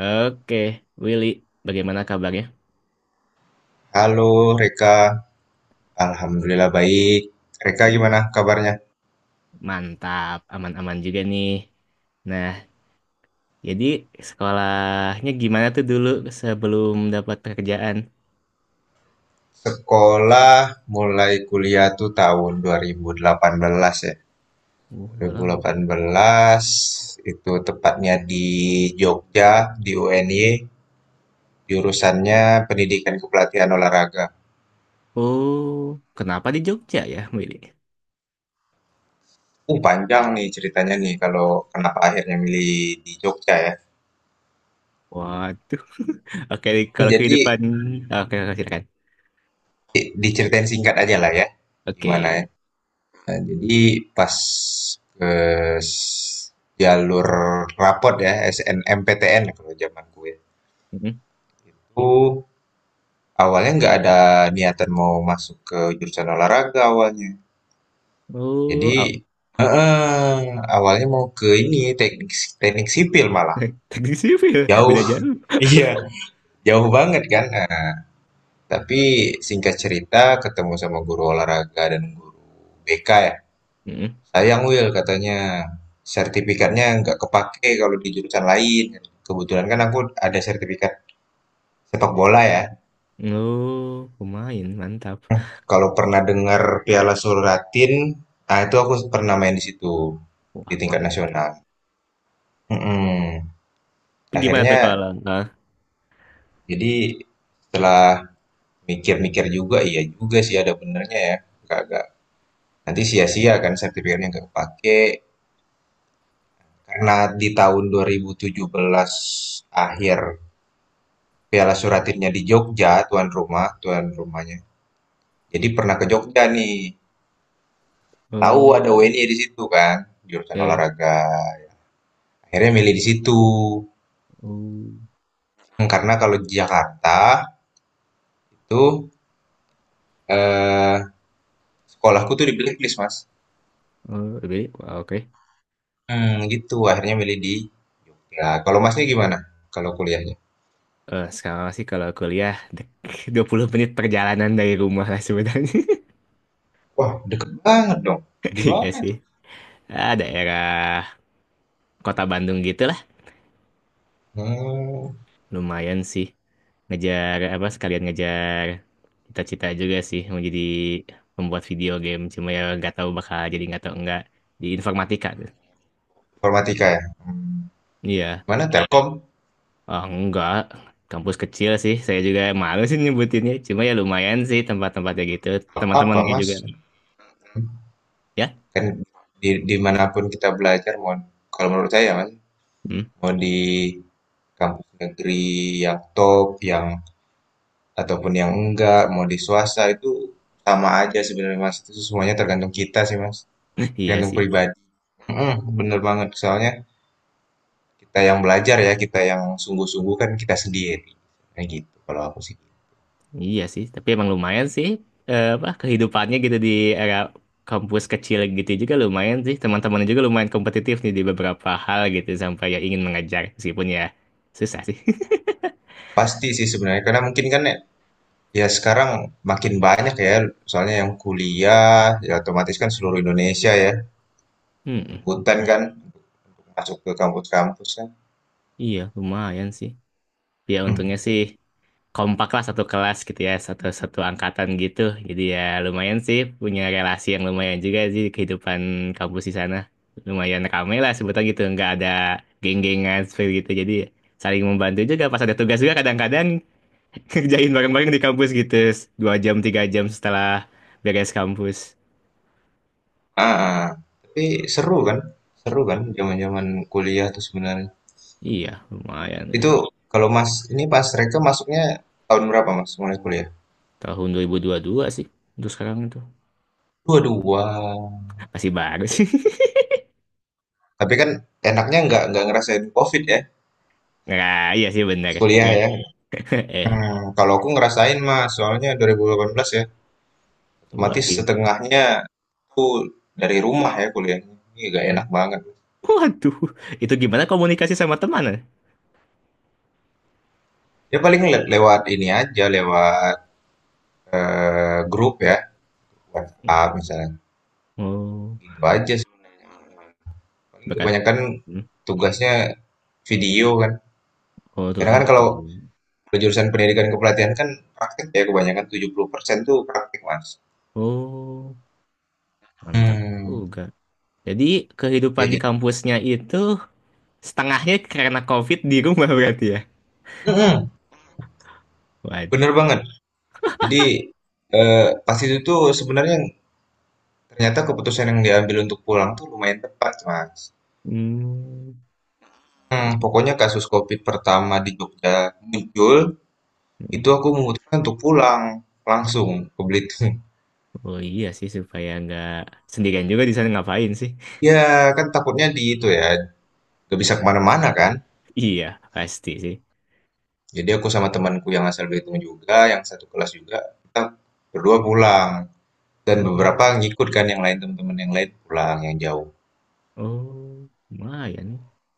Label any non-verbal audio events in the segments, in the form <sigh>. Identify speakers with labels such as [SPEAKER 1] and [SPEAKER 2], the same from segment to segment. [SPEAKER 1] Oke, Willy, bagaimana kabarnya?
[SPEAKER 2] Halo Reka, alhamdulillah baik. Reka gimana
[SPEAKER 1] Hmm,
[SPEAKER 2] kabarnya?
[SPEAKER 1] Mantap, aman-aman juga nih. Nah, jadi sekolahnya gimana tuh dulu sebelum dapat pekerjaan?
[SPEAKER 2] Sekolah mulai kuliah tuh tahun 2018 ya.
[SPEAKER 1] Oh, udah lama.
[SPEAKER 2] 2018 itu tepatnya di Jogja, di UNY, jurusannya Pendidikan Kepelatihan Olahraga.
[SPEAKER 1] Oh, kenapa di Jogja ya, Willy?
[SPEAKER 2] Panjang nih ceritanya nih kalau kenapa akhirnya milih di Jogja ya.
[SPEAKER 1] Waduh. <laughs> Oke,
[SPEAKER 2] <laughs>
[SPEAKER 1] kalau
[SPEAKER 2] Jadi
[SPEAKER 1] kehidupan... Oke, oke, silakan.
[SPEAKER 2] diceritain singkat aja lah ya.
[SPEAKER 1] Oke.
[SPEAKER 2] Gimana ya. Nah, jadi pas ke s- jalur rapot ya, SNMPTN kalau zaman gue
[SPEAKER 1] Mm.
[SPEAKER 2] itu awalnya nggak ada niatan mau masuk ke jurusan olahraga awalnya.
[SPEAKER 1] Oh,
[SPEAKER 2] Jadi
[SPEAKER 1] oh.
[SPEAKER 2] heeh, awalnya mau ke ini teknik teknik sipil malah
[SPEAKER 1] <laughs> Teknik sipil,
[SPEAKER 2] jauh.
[SPEAKER 1] beda jauh.
[SPEAKER 2] <laughs> Iya, jauh banget kan. Nah, tapi singkat cerita ketemu sama guru olahraga dan guru BK ya.
[SPEAKER 1] Mm.
[SPEAKER 2] Sayang Will katanya, sertifikatnya nggak kepake kalau di jurusan lain. Kebetulan kan aku ada sertifikat sepak bola ya.
[SPEAKER 1] Oh, pemain, mantap.
[SPEAKER 2] Kalau pernah dengar Piala Suratin, ah itu aku pernah main di situ di
[SPEAKER 1] Wah,
[SPEAKER 2] tingkat
[SPEAKER 1] mantap.
[SPEAKER 2] nasional. Mm-mm.
[SPEAKER 1] Gimana tuh
[SPEAKER 2] Akhirnya
[SPEAKER 1] kalau... Hah?
[SPEAKER 2] jadi setelah mikir-mikir juga, iya juga sih ada benernya ya. Nggak- nggak- Nanti sia-sia kan sertifikatnya nggak kepake. Karena di tahun 2017 akhir, Piala Suratinnya di Jogja, tuan rumahnya. Jadi pernah ke Jogja nih, tahu
[SPEAKER 1] Oh.
[SPEAKER 2] ada UNY di situ kan, jurusan
[SPEAKER 1] Ya, ya.
[SPEAKER 2] olahraga. Akhirnya milih di situ.
[SPEAKER 1] Oh,
[SPEAKER 2] Hmm, karena kalau di Jakarta itu eh, sekolahku tuh di blacklist, Mas.
[SPEAKER 1] oh, lebih. Wah, oke.
[SPEAKER 2] Hmm, gitu. Akhirnya milih di. Nah kalau Masnya gimana? Kalau kuliahnya?
[SPEAKER 1] Eh, sekarang sih kalau kuliah 20 menit perjalanan dari rumah lah sebenarnya. <laughs>
[SPEAKER 2] Wah, deket banget dong. Di
[SPEAKER 1] Iya
[SPEAKER 2] mana
[SPEAKER 1] sih.
[SPEAKER 2] tuh?
[SPEAKER 1] Ah, daerah kota Bandung gitu lah.
[SPEAKER 2] Hmm,
[SPEAKER 1] Lumayan sih. Ngejar apa sekalian ngejar cita-cita juga sih mau jadi pembuat video game. Cuma ya nggak tahu bakal jadi, nggak tahu enggak, di informatika tuh.
[SPEAKER 2] informatika ya. Hmm, di
[SPEAKER 1] Iya.
[SPEAKER 2] mana? Telkom?
[SPEAKER 1] Oh, enggak. Kampus kecil sih. Saya juga malu sih nyebutinnya. Cuma ya lumayan sih tempat-tempatnya gitu.
[SPEAKER 2] Apa,
[SPEAKER 1] Teman-temannya
[SPEAKER 2] Mas?
[SPEAKER 1] juga. Ya.
[SPEAKER 2] Kan di dimanapun kita belajar, mau kalau menurut saya kan,
[SPEAKER 1] Hmm?
[SPEAKER 2] mau di kampus negeri yang top, yang ataupun yang enggak, mau di swasta itu sama aja sebenarnya, Mas. Itu semuanya tergantung kita sih, Mas.
[SPEAKER 1] Iya
[SPEAKER 2] Tergantung
[SPEAKER 1] sih,
[SPEAKER 2] pribadi. Mhm, bener banget. Soalnya kita yang belajar ya, kita yang sungguh-sungguh kan kita sendiri. Kayak gitu kalau aku sih.
[SPEAKER 1] iya sih. Tapi emang lumayan sih, eh, apa kehidupannya gitu di era kampus kecil gitu juga lumayan sih. Teman-temannya juga lumayan kompetitif nih di beberapa hal gitu sampai ya ingin mengejar meskipun ya susah sih. <laughs>
[SPEAKER 2] Pasti sih sebenarnya karena mungkin kan ya, ya sekarang makin banyak ya soalnya yang kuliah ya, otomatis kan seluruh Indonesia ya
[SPEAKER 1] Hmm,
[SPEAKER 2] rebutan
[SPEAKER 1] gitu.
[SPEAKER 2] kan masuk ke kampus-kampus kan.
[SPEAKER 1] Iya, lumayan sih. Ya
[SPEAKER 2] Hmm.
[SPEAKER 1] untungnya sih kompak lah satu kelas gitu ya, satu satu angkatan gitu, jadi ya lumayan sih punya relasi yang lumayan juga sih di kehidupan kampus di sana, lumayan ramai lah sebutan gitu, nggak ada geng-gengan seperti gitu, jadi saling membantu juga pas ada tugas juga kadang-kadang <laughs> kerjain bareng-bareng di kampus gitu, 2 jam 3 jam setelah beres kampus.
[SPEAKER 2] Ah, ah, tapi seru kan? Seru kan zaman-zaman kuliah tuh sebenarnya.
[SPEAKER 1] Iya lumayan nih.
[SPEAKER 2] Itu kalau Mas ini pas Reka masuknya tahun berapa Mas mulai kuliah?
[SPEAKER 1] Tahun 2022 sih untuk sekarang itu,
[SPEAKER 2] Dua-dua.
[SPEAKER 1] masih baru sih. <laughs>
[SPEAKER 2] Tapi kan enaknya nggak ngerasain COVID ya
[SPEAKER 1] Nggak, iya sih
[SPEAKER 2] pas
[SPEAKER 1] bener.
[SPEAKER 2] kuliah ya.
[SPEAKER 1] <laughs> Eh,
[SPEAKER 2] Hmm, kalau aku ngerasain Mas, soalnya 2018 ya,
[SPEAKER 1] wah
[SPEAKER 2] otomatis
[SPEAKER 1] gimana.
[SPEAKER 2] setengahnya aku dari rumah ya kuliahnya. Ini nggak enak
[SPEAKER 1] <laughs>
[SPEAKER 2] banget.
[SPEAKER 1] Waduh, itu gimana komunikasi sama teman, ya?
[SPEAKER 2] Ya paling lewat ini aja, lewat grup ya, WhatsApp misalnya.
[SPEAKER 1] Oh,
[SPEAKER 2] Gitu aja sih. Paling
[SPEAKER 1] berkat.
[SPEAKER 2] kebanyakan
[SPEAKER 1] Hmm.
[SPEAKER 2] tugasnya video kan.
[SPEAKER 1] Oh,
[SPEAKER 2] Karena
[SPEAKER 1] tugasnya
[SPEAKER 2] kan
[SPEAKER 1] buat
[SPEAKER 2] kalau
[SPEAKER 1] video.
[SPEAKER 2] kalau jurusan pendidikan kepelatihan kan praktik ya, kebanyakan 70% tuh praktik, Mas.
[SPEAKER 1] Oh, mantap
[SPEAKER 2] Hmm.
[SPEAKER 1] juga. Jadi kehidupan
[SPEAKER 2] Ya,
[SPEAKER 1] di
[SPEAKER 2] jadi
[SPEAKER 1] kampusnya itu setengahnya karena COVID di rumah <laughs> berarti ya?
[SPEAKER 2] mm-mm,
[SPEAKER 1] Waduh.
[SPEAKER 2] bener banget. Jadi pas itu tuh sebenarnya ternyata keputusan yang diambil untuk pulang tuh lumayan tepat, Mas.
[SPEAKER 1] Hmm.
[SPEAKER 2] Hmm, pokoknya kasus COVID pertama di Jogja muncul,
[SPEAKER 1] Hmm.
[SPEAKER 2] itu aku memutuskan untuk pulang langsung ke Belitung. <laughs>
[SPEAKER 1] Oh iya sih, supaya nggak sendirian juga di sana, ngapain sih?
[SPEAKER 2] Ya, kan takutnya di itu ya, gak bisa kemana-mana kan.
[SPEAKER 1] Iya pasti sih.
[SPEAKER 2] Jadi aku sama temanku yang asal Belitung juga, yang satu kelas juga, kita berdua pulang. Dan
[SPEAKER 1] Oh,
[SPEAKER 2] beberapa ngikut kan yang lain, teman-teman yang lain pulang yang jauh.
[SPEAKER 1] oh, lumayan.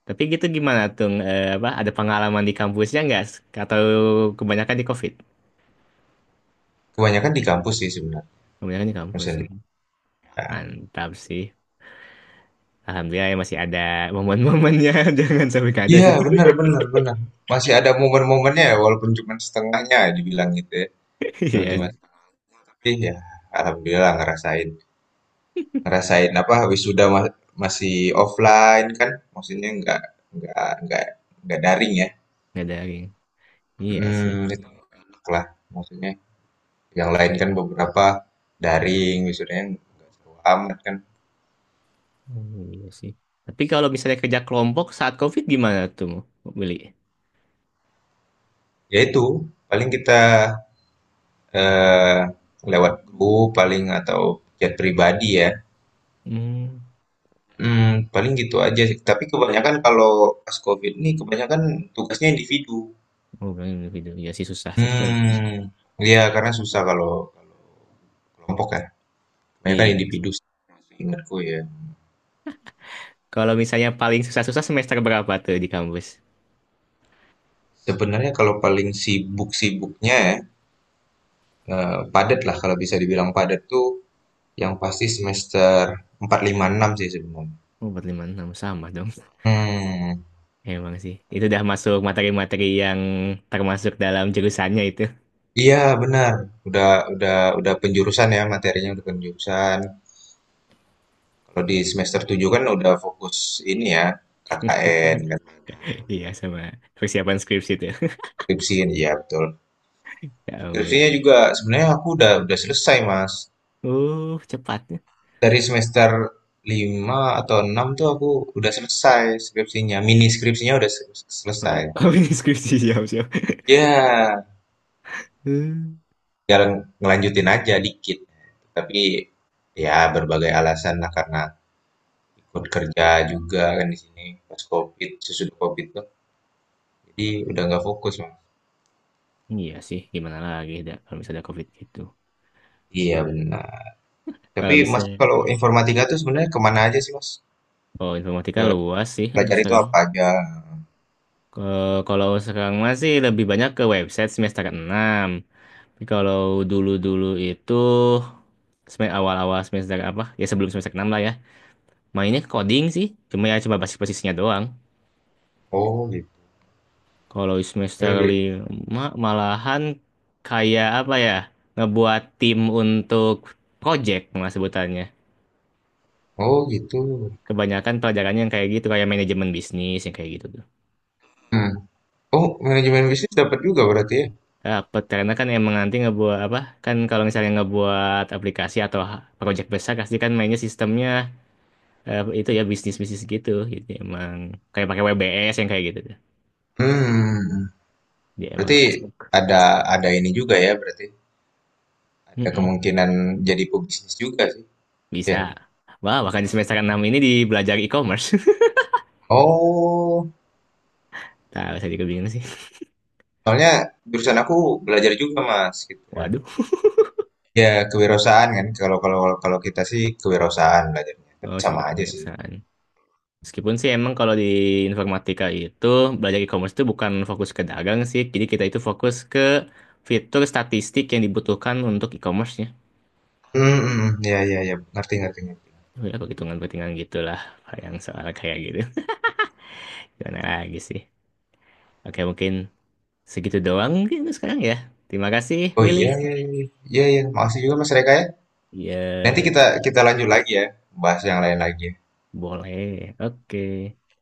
[SPEAKER 1] Tapi gitu gimana tuh, eh, apa ada pengalaman di kampusnya nggak, atau kebanyakan di COVID?
[SPEAKER 2] Kebanyakan di kampus sih sebenarnya.
[SPEAKER 1] Kebanyakan di kampus.
[SPEAKER 2] Dosen.
[SPEAKER 1] Mantap sih. Alhamdulillah ya masih ada momen-momennya. <laughs> Jangan sampai nggak ada
[SPEAKER 2] Iya,
[SPEAKER 1] sih.
[SPEAKER 2] benar,
[SPEAKER 1] <laughs>
[SPEAKER 2] benar, benar. Masih ada momen-momennya ya, walaupun cuma setengahnya ya dibilang gitu ya. Belum
[SPEAKER 1] Iya
[SPEAKER 2] cuma
[SPEAKER 1] sih.
[SPEAKER 2] tapi ya alhamdulillah ngerasain. Ngerasain apa habis sudah masih offline kan, maksudnya nggak nggak nggak nggak daring ya.
[SPEAKER 1] Nggak ada lagi. Iya sih.
[SPEAKER 2] Hmm, itu enak lah. Maksudnya yang lain kan beberapa daring, wisudanya nggak seru amat kan.
[SPEAKER 1] Hmm, iya sih. Tapi kalau misalnya kerja kelompok saat COVID gimana tuh, Beli?
[SPEAKER 2] Ya itu, paling kita eh, lewat grup paling atau chat pribadi ya.
[SPEAKER 1] Hmm.
[SPEAKER 2] Hmm, paling gitu aja sih. Tapi kebanyakan kalau pas COVID ini kebanyakan tugasnya individu.
[SPEAKER 1] Oh, bener video. Iya sih susah sih. <laughs>
[SPEAKER 2] Hmm, iya karena susah kalau kalau kelompok ya. Kebanyakan
[SPEAKER 1] Iya.
[SPEAKER 2] individu sih, seingatku ya.
[SPEAKER 1] Kalau misalnya paling susah-susah semester berapa tuh di kampus?
[SPEAKER 2] Sebenarnya kalau paling sibuk-sibuknya ya, padat lah kalau bisa dibilang padat tuh. Yang pasti semester 4 5 6 sih sebenarnya.
[SPEAKER 1] Oh, 4, 5, 6 sama dong.
[SPEAKER 2] Hmm,
[SPEAKER 1] <laughs> Emang sih. Itu udah masuk materi-materi yang termasuk dalam jurusannya itu.
[SPEAKER 2] iya benar, udah udah penjurusan ya, materinya udah penjurusan. Kalau di semester 7 kan udah fokus ini ya,
[SPEAKER 1] <laughs>
[SPEAKER 2] KKN kan,
[SPEAKER 1] Iya, sama persiapan skripsi itu.
[SPEAKER 2] skripsi kan, iya betul.
[SPEAKER 1] Ya
[SPEAKER 2] Skripsinya
[SPEAKER 1] ampun.
[SPEAKER 2] juga sebenarnya aku udah selesai, Mas.
[SPEAKER 1] Cepatnya. <laughs>
[SPEAKER 2] Dari semester 5 atau 6 tuh aku udah selesai skripsinya, mini skripsinya udah selesai.
[SPEAKER 1] Oh, ini skripsi siap-siap.
[SPEAKER 2] Ya.
[SPEAKER 1] Uh,
[SPEAKER 2] Ya ngelanjutin aja dikit. Tapi, ya berbagai alasan lah karena ikut kerja juga kan di sini pas COVID, sesudah COVID tuh. Jadi udah nggak fokus, Mas.
[SPEAKER 1] Iya sih, gimana lagi dah, kalau misalnya ada COVID gitu.
[SPEAKER 2] Iya benar. Tapi
[SPEAKER 1] Kalau
[SPEAKER 2] Mas
[SPEAKER 1] misalnya,
[SPEAKER 2] kalau informatika tuh sebenarnya kemana aja sih, Mas?
[SPEAKER 1] oh, informatika luas sih untuk
[SPEAKER 2] Pelajari itu
[SPEAKER 1] sekarang.
[SPEAKER 2] apa aja?
[SPEAKER 1] Kalau sekarang masih lebih banyak ke website semester 6. Tapi kalau dulu-dulu itu awal-awal semester apa? Ya sebelum semester 6 lah ya. Mainnya ke coding sih. Cuma ya coba basis-basisnya doang.
[SPEAKER 2] Oh gitu.
[SPEAKER 1] Kalau semester 5 malahan kayak apa ya? Ngebuat tim untuk project mas sebutannya.
[SPEAKER 2] Oh gitu.
[SPEAKER 1] Kebanyakan pelajarannya yang kayak gitu, kayak manajemen bisnis yang kayak gitu tuh.
[SPEAKER 2] Hmm. Oh, manajemen bisnis dapat juga berarti ya?
[SPEAKER 1] Dapet, karena kan emang nanti ngebuat apa? Kan kalau misalnya ngebuat aplikasi atau project besar pasti kan mainnya sistemnya, eh, itu ya bisnis-bisnis gitu. Jadi emang kayak pakai WBS yang kayak gitu tuh.
[SPEAKER 2] Hmm.
[SPEAKER 1] Dia emang
[SPEAKER 2] Berarti
[SPEAKER 1] masuk.
[SPEAKER 2] ada ada ini juga ya berarti. Ada
[SPEAKER 1] Mm-mm,
[SPEAKER 2] kemungkinan jadi pebisnis juga sih.
[SPEAKER 1] bisa.
[SPEAKER 2] Ya.
[SPEAKER 1] Wah, bahkan di semester 6 ini di belajar e-commerce.
[SPEAKER 2] Oh,
[SPEAKER 1] <laughs> Tahu saya juga bingung sih.
[SPEAKER 2] soalnya jurusan aku belajar juga Mas, gitu ya.
[SPEAKER 1] Waduh.
[SPEAKER 2] Ya kewirausahaan kan, kalau kalau kalau kita sih kewirausahaan belajarnya, tapi
[SPEAKER 1] Oh,
[SPEAKER 2] sama
[SPEAKER 1] sebetulnya
[SPEAKER 2] aja sih.
[SPEAKER 1] kebiasaan. Meskipun sih emang kalau di informatika itu belajar e-commerce itu bukan fokus ke dagang sih. Jadi kita itu fokus ke fitur statistik yang dibutuhkan untuk e-commerce-nya.
[SPEAKER 2] Hmm, hmm, ya ya ya, ngerti ngerti ngerti.
[SPEAKER 1] Ya, perhitungan-perhitungan gitulah yang soal kayak gitu. Gimana lagi sih? Oke, mungkin segitu doang mungkin sekarang ya. Terima kasih,
[SPEAKER 2] Oh iya
[SPEAKER 1] Willy.
[SPEAKER 2] iya iya iya, iya. Iya. Makasih juga Mas Reka ya. Nanti
[SPEAKER 1] Ya,
[SPEAKER 2] kita kita lanjut lagi ya, bahas yang lain lagi.
[SPEAKER 1] boleh. Oke.